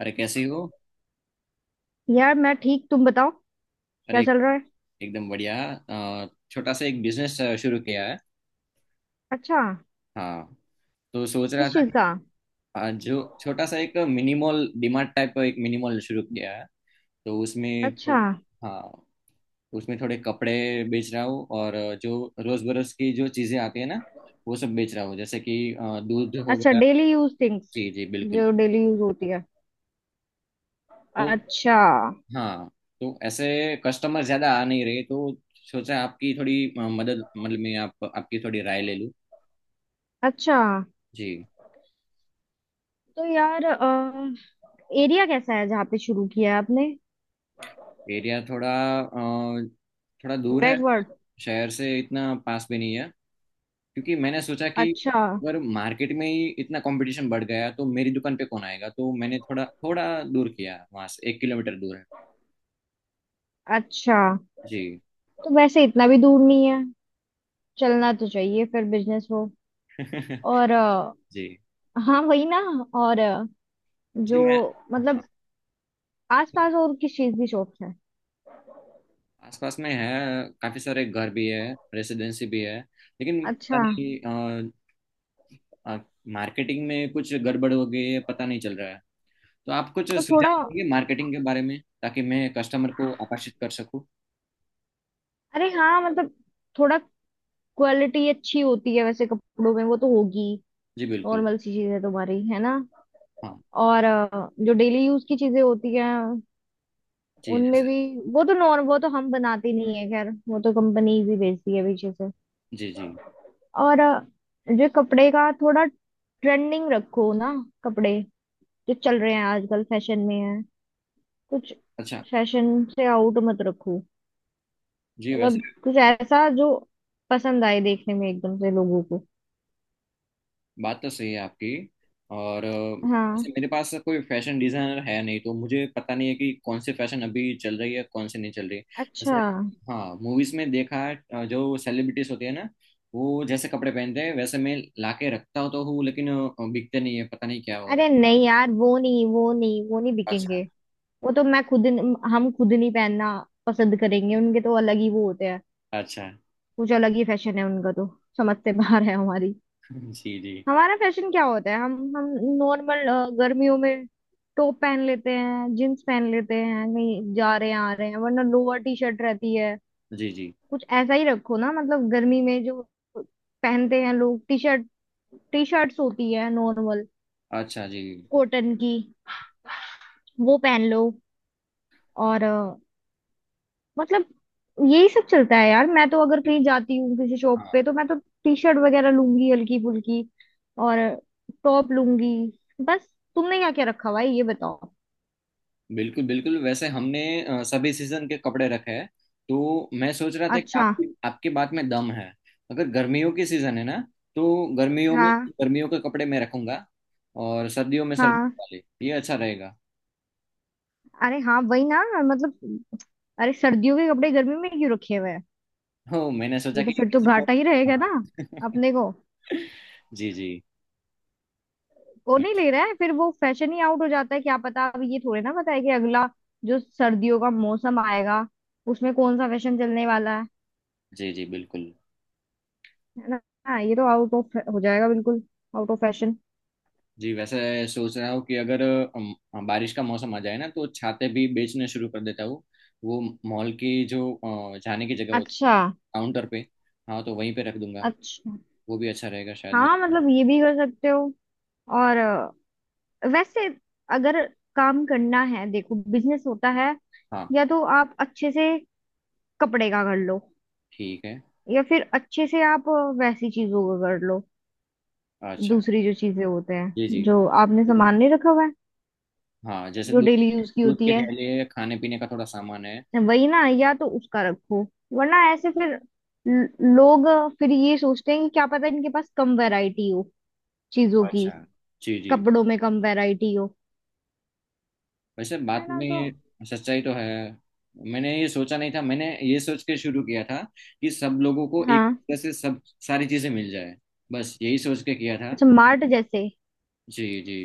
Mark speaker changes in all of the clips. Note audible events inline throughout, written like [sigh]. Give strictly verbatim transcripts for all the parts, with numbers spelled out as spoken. Speaker 1: अरे, कैसी हो।
Speaker 2: यार मैं ठीक। तुम बताओ
Speaker 1: अरे,
Speaker 2: क्या चल रहा है।
Speaker 1: एकदम बढ़िया। अ, छोटा सा एक बिजनेस शुरू किया है।
Speaker 2: अच्छा।
Speaker 1: हाँ। तो सोच रहा
Speaker 2: किस
Speaker 1: था।
Speaker 2: चीज का?
Speaker 1: अ, जो छोटा सा एक मिनी मॉल डीमार्ट टाइप का एक मिनी मॉल शुरू किया है। तो उसमें
Speaker 2: अच्छा।
Speaker 1: थोड़े। हाँ। उसमें थोड़े कपड़े बेच रहा हूँ, और जो रोज बरोज की जो चीजें आती है ना, वो सब बेच रहा हूँ, जैसे कि अ, दूध हो
Speaker 2: अच्छा,
Speaker 1: गया।
Speaker 2: डेली यूज थिंग्स
Speaker 1: जी जी बिल्कुल।
Speaker 2: जो डेली यूज होती है।
Speaker 1: तो।
Speaker 2: अच्छा।
Speaker 1: हाँ। तो ऐसे कस्टमर ज्यादा आ नहीं रहे, तो सोचा आपकी थोड़ी अ, मदद, मतलब मैं आप आपकी थोड़ी राय ले लूँ।
Speaker 2: अच्छा।
Speaker 1: जी।
Speaker 2: तो यार एरिया कैसा है जहाँ पे शुरू किया है आपने?
Speaker 1: एरिया थोड़ा, अ, थोड़ा दूर है।
Speaker 2: बैकवर्ड?
Speaker 1: शहर से इतना पास भी नहीं है, क्योंकि मैंने सोचा कि
Speaker 2: अच्छा।
Speaker 1: अगर मार्केट में ही इतना कंपटीशन बढ़ गया तो मेरी दुकान पे कौन आएगा। तो मैंने थोड़ा थोड़ा दूर किया, वहां से एक किलोमीटर दूर है।
Speaker 2: अच्छा।
Speaker 1: जी।
Speaker 2: तो वैसे इतना भी दूर नहीं है। चलना तो चाहिए फिर बिजनेस हो। और अ,
Speaker 1: [laughs] जी
Speaker 2: हाँ वही ना। और अ, जो
Speaker 1: जी। मैं।
Speaker 2: मतलब आसपास और किस चीज की शॉप्स है?
Speaker 1: आसपास में है, काफी सारे घर भी है, रेसिडेंसी भी है, लेकिन पता
Speaker 2: अच्छा।
Speaker 1: नहीं मार्केटिंग में कुछ गड़बड़ हो गई है, पता नहीं चल रहा है। तो आप कुछ
Speaker 2: तो थोड़ा,
Speaker 1: सुझाव देंगे मार्केटिंग के बारे में, ताकि मैं कस्टमर को आकर्षित कर सकूं।
Speaker 2: अरे हाँ मतलब, थोड़ा क्वालिटी अच्छी होती है वैसे कपड़ों में, वो तो होगी।
Speaker 1: जी बिल्कुल।
Speaker 2: नॉर्मल सी चीज है तुम्हारी, है ना।
Speaker 1: हाँ।
Speaker 2: और अ, जो डेली यूज की चीजें होती हैं
Speaker 1: जी,
Speaker 2: उनमें
Speaker 1: जैसे।
Speaker 2: भी, वो तो नॉर्म वो तो हम बनाते नहीं है, खैर वो तो कंपनी भी बेचती है पीछे से।
Speaker 1: जी जी।
Speaker 2: और अ, जो कपड़े का, थोड़ा ट्रेंडिंग रखो ना कपड़े जो चल रहे हैं आजकल फैशन में है कुछ।
Speaker 1: अच्छा
Speaker 2: फैशन से आउट मत रखो,
Speaker 1: जी।
Speaker 2: मतलब
Speaker 1: वैसे
Speaker 2: कुछ ऐसा जो पसंद आए देखने में एकदम से लोगों को।
Speaker 1: बात तो सही है आपकी। और अ, वैसे
Speaker 2: हाँ।
Speaker 1: मेरे पास कोई फैशन डिजाइनर है नहीं, तो मुझे पता नहीं है कि कौन से फैशन अभी चल रही है कौन से नहीं चल रही,
Speaker 2: अच्छा।
Speaker 1: जैसे। हाँ, मूवीज में देखा है अ, जो सेलिब्रिटीज होती है ना, वो जैसे कपड़े पहनते हैं, वैसे मैं लाके रखता हूँ तो हूँ, लेकिन अ, बिकते नहीं है, पता नहीं क्या हो
Speaker 2: अरे
Speaker 1: रहा
Speaker 2: नहीं यार, वो नहीं, वो नहीं, वो नहीं
Speaker 1: है। अच्छा,
Speaker 2: बिकेंगे। वो तो मैं खुद हम खुद नहीं पहनना पसंद करेंगे, उनके तो अलग ही वो होते हैं।
Speaker 1: अच्छा। [laughs]
Speaker 2: कुछ अलग ही फैशन है उनका तो, समझ से बाहर है हमारी।
Speaker 1: जी जी।
Speaker 2: हमारा फैशन क्या होता है, हम हम नॉर्मल, गर्मियों में टॉप पहन लेते हैं, जींस पहन लेते हैं, कहीं जा रहे हैं आ रहे हैं, वरना लोअर टी शर्ट रहती है।
Speaker 1: जी जी।
Speaker 2: कुछ ऐसा ही रखो ना, मतलब गर्मी में जो पहनते हैं लोग, टी शर्ट, टी शर्ट्स होती है नॉर्मल
Speaker 1: अच्छा जी।
Speaker 2: कॉटन की, वो पहन लो। और अ, मतलब यही सब चलता है यार, मैं तो अगर कहीं जाती हूँ किसी शॉप पे
Speaker 1: हाँ।
Speaker 2: तो मैं तो टी शर्ट वगैरह लूंगी हल्की फुल्की, और टॉप लूंगी बस। तुमने क्या क्या रखा हुआ है ये बताओ।
Speaker 1: बिल्कुल बिल्कुल, वैसे हमने अ, सभी सीजन के कपड़े रखे हैं। तो मैं सोच रहा था कि
Speaker 2: अच्छा।
Speaker 1: आपकी आपकी बात में दम है। अगर गर्मियों की सीजन है ना, तो गर्मियों में
Speaker 2: हाँ,
Speaker 1: गर्मियों के कपड़े मैं रखूंगा, और सर्दियों में
Speaker 2: हाँ।
Speaker 1: सर्दियों वाले, ये अच्छा रहेगा।
Speaker 2: अरे हाँ वही ना मतलब, अरे सर्दियों के कपड़े गर्मी में क्यों रखे हुए हैं?
Speaker 1: हो, मैंने सोचा
Speaker 2: ये
Speaker 1: कि
Speaker 2: तो फिर तो
Speaker 1: किसी को।
Speaker 2: घाटा ही रहेगा ना
Speaker 1: हाँ। [laughs]
Speaker 2: अपने को।
Speaker 1: जी जी।
Speaker 2: वो नहीं
Speaker 1: मैं-
Speaker 2: ले रहा है फिर, वो फैशन ही आउट हो जाता है। क्या पता, अब ये थोड़े ना पता है कि अगला जो सर्दियों का मौसम आएगा उसमें कौन सा फैशन चलने वाला है
Speaker 1: जी जी बिल्कुल।
Speaker 2: है ना। हाँ, ये तो आउट ऑफ हो जाएगा बिल्कुल, आउट ऑफ फैशन।
Speaker 1: जी, वैसे सोच रहा हूँ कि अगर अम, बारिश का मौसम आ जाए ना, तो छाते भी बेचने शुरू कर देता हूँ। वो मॉल की जो अ, जाने की जगह होती है,
Speaker 2: अच्छा।
Speaker 1: काउंटर पे, हाँ, तो वहीं पे रख दूंगा।
Speaker 2: अच्छा।
Speaker 1: वो भी अच्छा रहेगा शायद
Speaker 2: हाँ
Speaker 1: मेरे लिए।
Speaker 2: मतलब ये भी कर सकते हो। और अ, वैसे अगर काम करना है, देखो बिजनेस होता है,
Speaker 1: हाँ।
Speaker 2: या तो आप अच्छे से कपड़े का कर लो,
Speaker 1: ठीक है।
Speaker 2: या फिर अच्छे से आप अ, वैसी चीजों का कर लो।
Speaker 1: अच्छा।
Speaker 2: दूसरी जो चीजें होते
Speaker 1: जी
Speaker 2: हैं
Speaker 1: जी।
Speaker 2: जो आपने सामान नहीं रखा हुआ है,
Speaker 1: हाँ, जैसे
Speaker 2: जो डेली
Speaker 1: दूध।
Speaker 2: यूज की
Speaker 1: दूध
Speaker 2: होती
Speaker 1: के
Speaker 2: है,
Speaker 1: ठेले, खाने पीने का थोड़ा सामान है।
Speaker 2: वही ना, या तो उसका रखो, वरना ऐसे फिर ल- लोग फिर ये सोचते हैं कि क्या पता इनके पास कम वैरायटी हो चीजों की,
Speaker 1: अच्छा। जी जी।
Speaker 2: कपड़ों में कम वैरायटी हो,
Speaker 1: वैसे
Speaker 2: है
Speaker 1: बात
Speaker 2: ना तो।
Speaker 1: में सच्चाई तो है। मैंने ये सोचा नहीं था, मैंने ये सोच के शुरू किया था कि सब लोगों को एक
Speaker 2: हाँ।
Speaker 1: तरह से सब सारी चीजें मिल जाए, बस यही सोच के किया था।
Speaker 2: अच्छा, मार्ट जैसे।
Speaker 1: जी जी।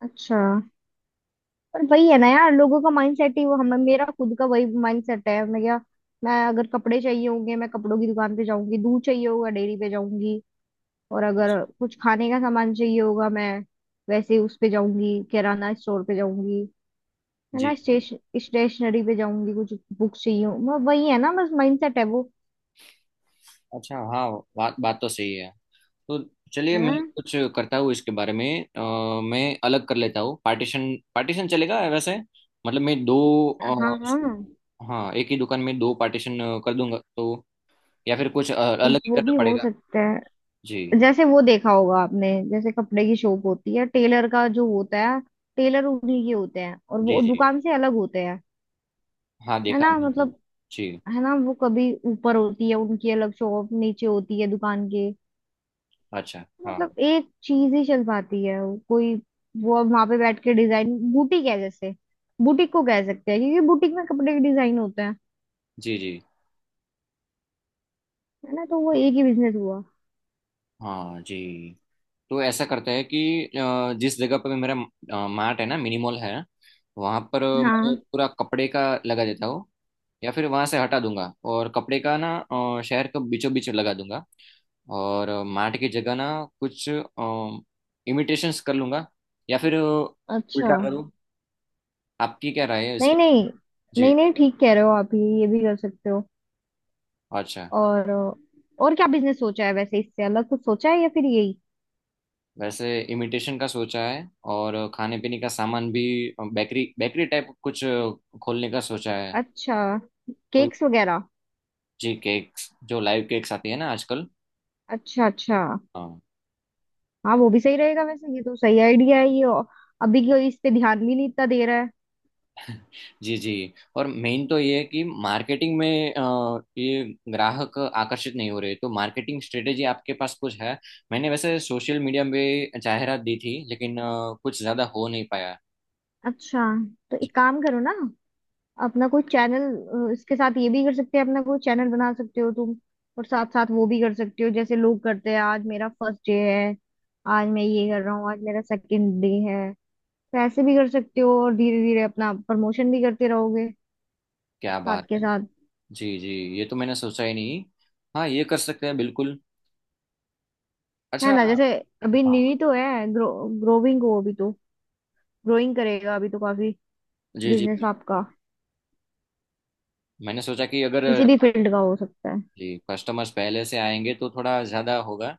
Speaker 2: अच्छा। पर वही है ना यार, लोगों का माइंडसेट ही वो, हमें, मेरा खुद का वही माइंडसेट है, मैं क्या मैं अगर कपड़े चाहिए होंगे मैं कपड़ों की दुकान पे जाऊंगी, दूध चाहिए होगा डेयरी पे जाऊंगी, और अगर कुछ खाने का सामान चाहिए होगा मैं वैसे उस पे जाऊंगी, किराना स्टोर पे जाऊंगी, मैं
Speaker 1: जी
Speaker 2: ना
Speaker 1: जी।
Speaker 2: स्टेश स्टेशनरी पे जाऊंगी कुछ बुक चाहिए हो- वो- वही है ना बस माइंडसेट है वो,
Speaker 1: अच्छा, हाँ। बात बात तो सही है। तो। चलिए,
Speaker 2: है
Speaker 1: मैं
Speaker 2: ना।
Speaker 1: कुछ करता हूँ इसके बारे में। अ, मैं अलग कर लेता हूँ, पार्टीशन पार्टीशन चलेगा वैसे। मतलब मैं दो।
Speaker 2: हाँ, हाँ
Speaker 1: अ, हाँ, एक ही दुकान में दो पार्टीशन कर दूंगा, तो। या फिर कुछ अ, अलग ही
Speaker 2: वो भी
Speaker 1: करना
Speaker 2: हो
Speaker 1: पड़ेगा।
Speaker 2: सकता है।
Speaker 1: जी।
Speaker 2: जैसे वो देखा होगा आपने, जैसे कपड़े की शॉप होती है, टेलर का जो होता है, टेलर उन्हीं के होते हैं और
Speaker 1: जी।
Speaker 2: वो
Speaker 1: जी।
Speaker 2: दुकान से अलग होते हैं,
Speaker 1: हाँ,
Speaker 2: है
Speaker 1: देखा
Speaker 2: ना
Speaker 1: बिल्कुल।
Speaker 2: मतलब,
Speaker 1: जी जी,
Speaker 2: है ना वो कभी ऊपर होती है उनकी अलग शॉप, नीचे होती है दुकान के।
Speaker 1: अच्छा। हाँ।
Speaker 2: मतलब एक चीज ही चल पाती है, वो कोई वो वहां पे बैठ के डिजाइन, बुटीक है जैसे, बुटीक को कह सकते हैं क्योंकि बुटीक में कपड़े के डिजाइन होते हैं,
Speaker 1: जी जी।
Speaker 2: है ना तो वो
Speaker 1: तो-
Speaker 2: एक ही बिजनेस हुआ।
Speaker 1: हाँ जी। तो ऐसा करता है कि अ, जिस जगह पर मेरा मार्ट है ना, मिनिमॉल है, वहाँ पर मैं
Speaker 2: हाँ।
Speaker 1: पूरा कपड़े का लगा देता हूँ। या फिर वहाँ से हटा दूंगा और कपड़े का ना, अ, शहर के बीचों बीच लगा दूंगा। और मार्ट की जगह ना, कुछ इमिटेशंस कर लूंगा। या फिर अ,
Speaker 2: अच्छा।
Speaker 1: उल्टा करूँ। आपकी क्या राय है
Speaker 2: नहीं,
Speaker 1: इसके।
Speaker 2: नहीं,
Speaker 1: जी।
Speaker 2: नहीं, नहीं ठीक कह रहे हो आप, ये ये भी कर सकते हो।
Speaker 1: अच्छा।
Speaker 2: और और क्या बिजनेस सोचा है वैसे, इससे अलग कुछ सोचा है या फिर यही?
Speaker 1: वैसे इमिटेशन का सोचा है, और खाने पीने का सामान भी, बेकरी बेकरी टाइप कुछ खोलने का सोचा है।
Speaker 2: अच्छा,
Speaker 1: तो।
Speaker 2: केक्स वगैरह।
Speaker 1: जी, केक्स जो लाइव केक्स आती है ना आजकल।
Speaker 2: अच्छा। अच्छा।
Speaker 1: हाँ।
Speaker 2: हाँ वो भी सही रहेगा वैसे, ये तो सही आइडिया है ये, और अभी क्यों इस पे ध्यान भी नहीं इतना दे रहा है।
Speaker 1: जी जी। और मेन तो ये है कि मार्केटिंग में अ, ये ग्राहक आकर्षित नहीं हो रहे, तो मार्केटिंग स्ट्रेटेजी आपके पास कुछ है। मैंने वैसे सोशल मीडिया में जाहिरात दी थी, लेकिन अ, कुछ ज़्यादा हो नहीं पाया।
Speaker 2: अच्छा। तो
Speaker 1: जी।
Speaker 2: एक काम करो ना, अपना कोई चैनल इसके साथ, ये भी कर सकते हैं, अपना कोई चैनल बना सकते हो तुम, और साथ साथ वो भी कर सकते हो जैसे लोग करते हैं, आज मेरा फर्स्ट डे है, आज मैं ये कर रहा हूँ, आज मेरा सेकंड डे है, तो ऐसे भी कर सकते हो, और धीरे धीरे अपना प्रमोशन भी करते रहोगे
Speaker 1: क्या
Speaker 2: साथ
Speaker 1: बात
Speaker 2: के
Speaker 1: है।
Speaker 2: साथ।
Speaker 1: जी जी। ये तो मैंने सोचा ही नहीं। हाँ, ये कर सकते हैं बिल्कुल।
Speaker 2: है
Speaker 1: अच्छा।
Speaker 2: ना जैसे, अभी
Speaker 1: हाँ।
Speaker 2: न्यू ही तो है, ग्रो ग्रोविंग हो अभी तो, ग्रोइंग करेगा अभी तो काफी
Speaker 1: जी जी
Speaker 2: बिजनेस
Speaker 1: बिल्कुल।
Speaker 2: आपका,
Speaker 1: मैंने सोचा कि अगर।
Speaker 2: किसी भी फील्ड का हो सकता है।
Speaker 1: जी, कस्टमर्स पहले से आएंगे तो थोड़ा ज़्यादा होगा।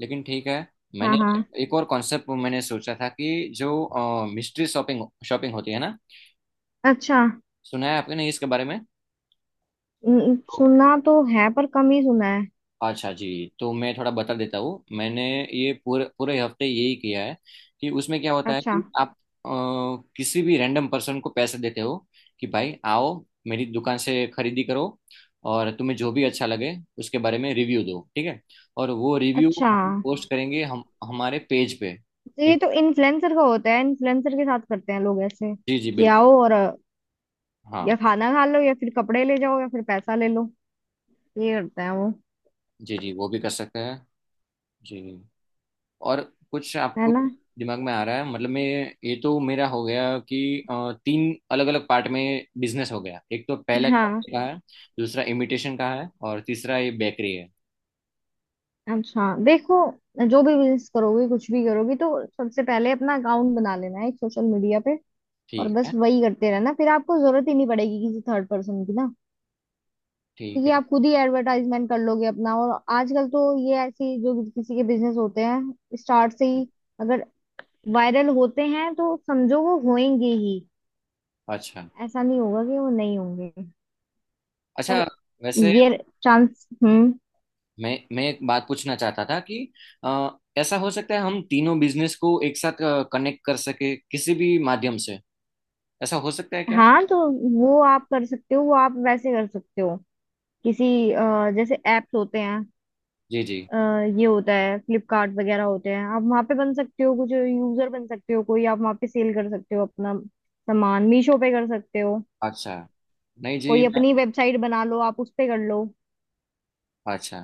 Speaker 1: लेकिन ठीक है।
Speaker 2: हाँ,
Speaker 1: मैंने।
Speaker 2: हाँ।
Speaker 1: एक और कॉन्सेप्ट मैंने सोचा था कि जो मिस्ट्री शॉपिंग शॉपिंग होती है ना।
Speaker 2: अच्छा,
Speaker 1: सुना है आपने इसके बारे में।
Speaker 2: न-
Speaker 1: तो।
Speaker 2: सुना तो है पर कम ही सुना है।
Speaker 1: अच्छा जी। तो मैं थोड़ा बता देता हूँ, मैंने ये पूरे पूरे हफ्ते यही किया है। कि उसमें क्या होता है
Speaker 2: अच्छा।
Speaker 1: कि आप अ, किसी भी रैंडम पर्सन को पैसे देते हो। कि भाई आओ, मेरी दुकान से खरीदी करो। और तुम्हें जो भी अच्छा लगे उसके बारे में रिव्यू दो, ठीक है। और वो रिव्यू
Speaker 2: अच्छा,
Speaker 1: हम पोस्ट करेंगे, हम हमारे पेज पे।
Speaker 2: तो ये तो इन्फ्लुएंसर का होता है, इन्फ्लुएंसर के साथ करते हैं लोग, ऐसे
Speaker 1: जी जी
Speaker 2: कि
Speaker 1: बिल्कुल।
Speaker 2: आओ और अ,
Speaker 1: हाँ।
Speaker 2: या खाना खा लो या फिर कपड़े ले जाओ या फिर पैसा ले लो, ये करते हैं वो,
Speaker 1: जी जी, वो भी कर सकते हैं। जी। और। कुछ
Speaker 2: है
Speaker 1: आपको
Speaker 2: ना।
Speaker 1: दिमाग में आ रहा है, मतलब मैं। ये तो मेरा हो गया कि अ, तीन अलग अलग पार्ट में बिजनेस हो गया, एक तो पहला
Speaker 2: हाँ।
Speaker 1: कपड़े का है। दूसरा इमिटेशन का है, और तीसरा ये बेकरी है।
Speaker 2: अच्छा देखो, जो भी बिजनेस करोगे, कुछ भी करोगे, तो सबसे पहले अपना अकाउंट बना लेना है एक सोशल मीडिया पे, और
Speaker 1: ठीक है।
Speaker 2: बस वही करते रहना, फिर आपको जरूरत ही नहीं पड़ेगी किसी थर्ड पर्सन की ना,
Speaker 1: ठीक
Speaker 2: क्योंकि
Speaker 1: है।
Speaker 2: आप खुद ही एडवर्टाइजमेंट कर लोगे अपना। और आजकल तो ये ऐसी जो किसी के बिजनेस होते हैं स्टार्ट से ही अगर वायरल होते हैं तो समझो वो होंगे ही,
Speaker 1: अच्छा।
Speaker 2: ऐसा नहीं होगा कि वो नहीं होंगे,
Speaker 1: अच्छा।
Speaker 2: पर
Speaker 1: वैसे
Speaker 2: ये चांस। हम्म।
Speaker 1: मैं मैं एक बात पूछना चाहता था कि। अ, ऐसा हो सकता है हम तीनों बिजनेस को एक साथ कनेक्ट कर सके किसी भी माध्यम से। ऐसा हो सकता है क्या।
Speaker 2: हाँ तो वो आप कर सकते हो, वो आप वैसे कर सकते हो किसी, अ, जैसे एप्स होते हैं,
Speaker 1: जी जी।
Speaker 2: अ, ये होता है फ्लिपकार्ट वगैरह होते हैं, आप वहाँ पे बन सकते हो कुछ, यूजर बन सकते हो कोई, आप वहाँ पे सेल कर सकते हो अपना सामान, मीशो पे कर सकते हो
Speaker 1: अच्छा। नहीं जी,
Speaker 2: कोई,
Speaker 1: मैं।
Speaker 2: अपनी वेबसाइट बना लो आप उस पे कर लो।
Speaker 1: अच्छा।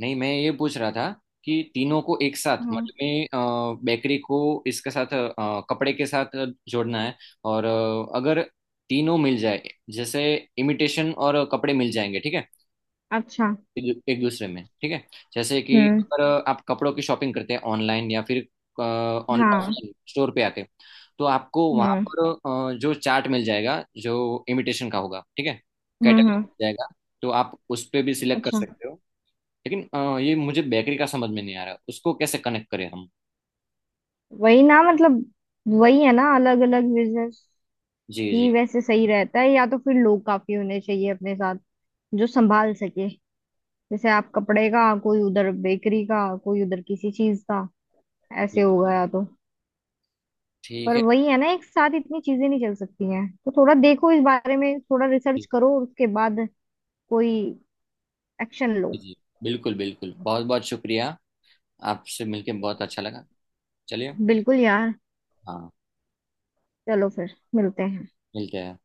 Speaker 1: नहीं, मैं ये पूछ रहा था कि तीनों को एक साथ,
Speaker 2: हाँ।
Speaker 1: मतलब मैं बेकरी को। इसके साथ अ, कपड़े के साथ जोड़ना है। और अ, अगर तीनों मिल जाए, जैसे इमिटेशन और कपड़े मिल जाएंगे, ठीक है।
Speaker 2: अच्छा।
Speaker 1: एक एक दूसरे में, ठीक है। जैसे कि
Speaker 2: हम्म।
Speaker 1: अगर आप कपड़ों की शॉपिंग करते हैं ऑनलाइन या फिर
Speaker 2: हाँ,
Speaker 1: ऑफलाइन स्टोर पे आके। तो आपको वहां
Speaker 2: हम्म।
Speaker 1: पर अ, जो चार्ट मिल जाएगा जो इमिटेशन का होगा, ठीक है।
Speaker 2: हम्म।
Speaker 1: कैटलॉग
Speaker 2: हम्म।
Speaker 1: मिल जाएगा। तो आप उस पे भी सिलेक्ट कर
Speaker 2: अच्छा।
Speaker 1: सकते हो। लेकिन अ, ये मुझे बेकरी का समझ में नहीं आ रहा, उसको कैसे कनेक्ट करें हम।
Speaker 2: वही ना मतलब, वही है ना, अलग अलग बिजनेस
Speaker 1: जी
Speaker 2: ही
Speaker 1: जी।
Speaker 2: वैसे सही रहता है, या तो फिर लोग काफी होने चाहिए अपने साथ जो संभाल सके, जैसे आप कपड़े का कोई उधर, बेकरी का कोई उधर, किसी चीज का, ऐसे
Speaker 1: जी।
Speaker 2: हो गया तो।
Speaker 1: ठीक
Speaker 2: पर
Speaker 1: है।
Speaker 2: वही है ना एक साथ इतनी चीजें नहीं चल सकती हैं, तो थोड़ा देखो इस बारे में, थोड़ा रिसर्च
Speaker 1: जी।
Speaker 2: करो और उसके बाद कोई एक्शन लो।
Speaker 1: जी, बिल्कुल बिल्कुल, बहुत बहुत शुक्रिया। आपसे मिलके बहुत अच्छा लगा। चलिए।
Speaker 2: बिल्कुल यार।
Speaker 1: हाँ।
Speaker 2: चलो फिर मिलते हैं।
Speaker 1: मिलते हैं।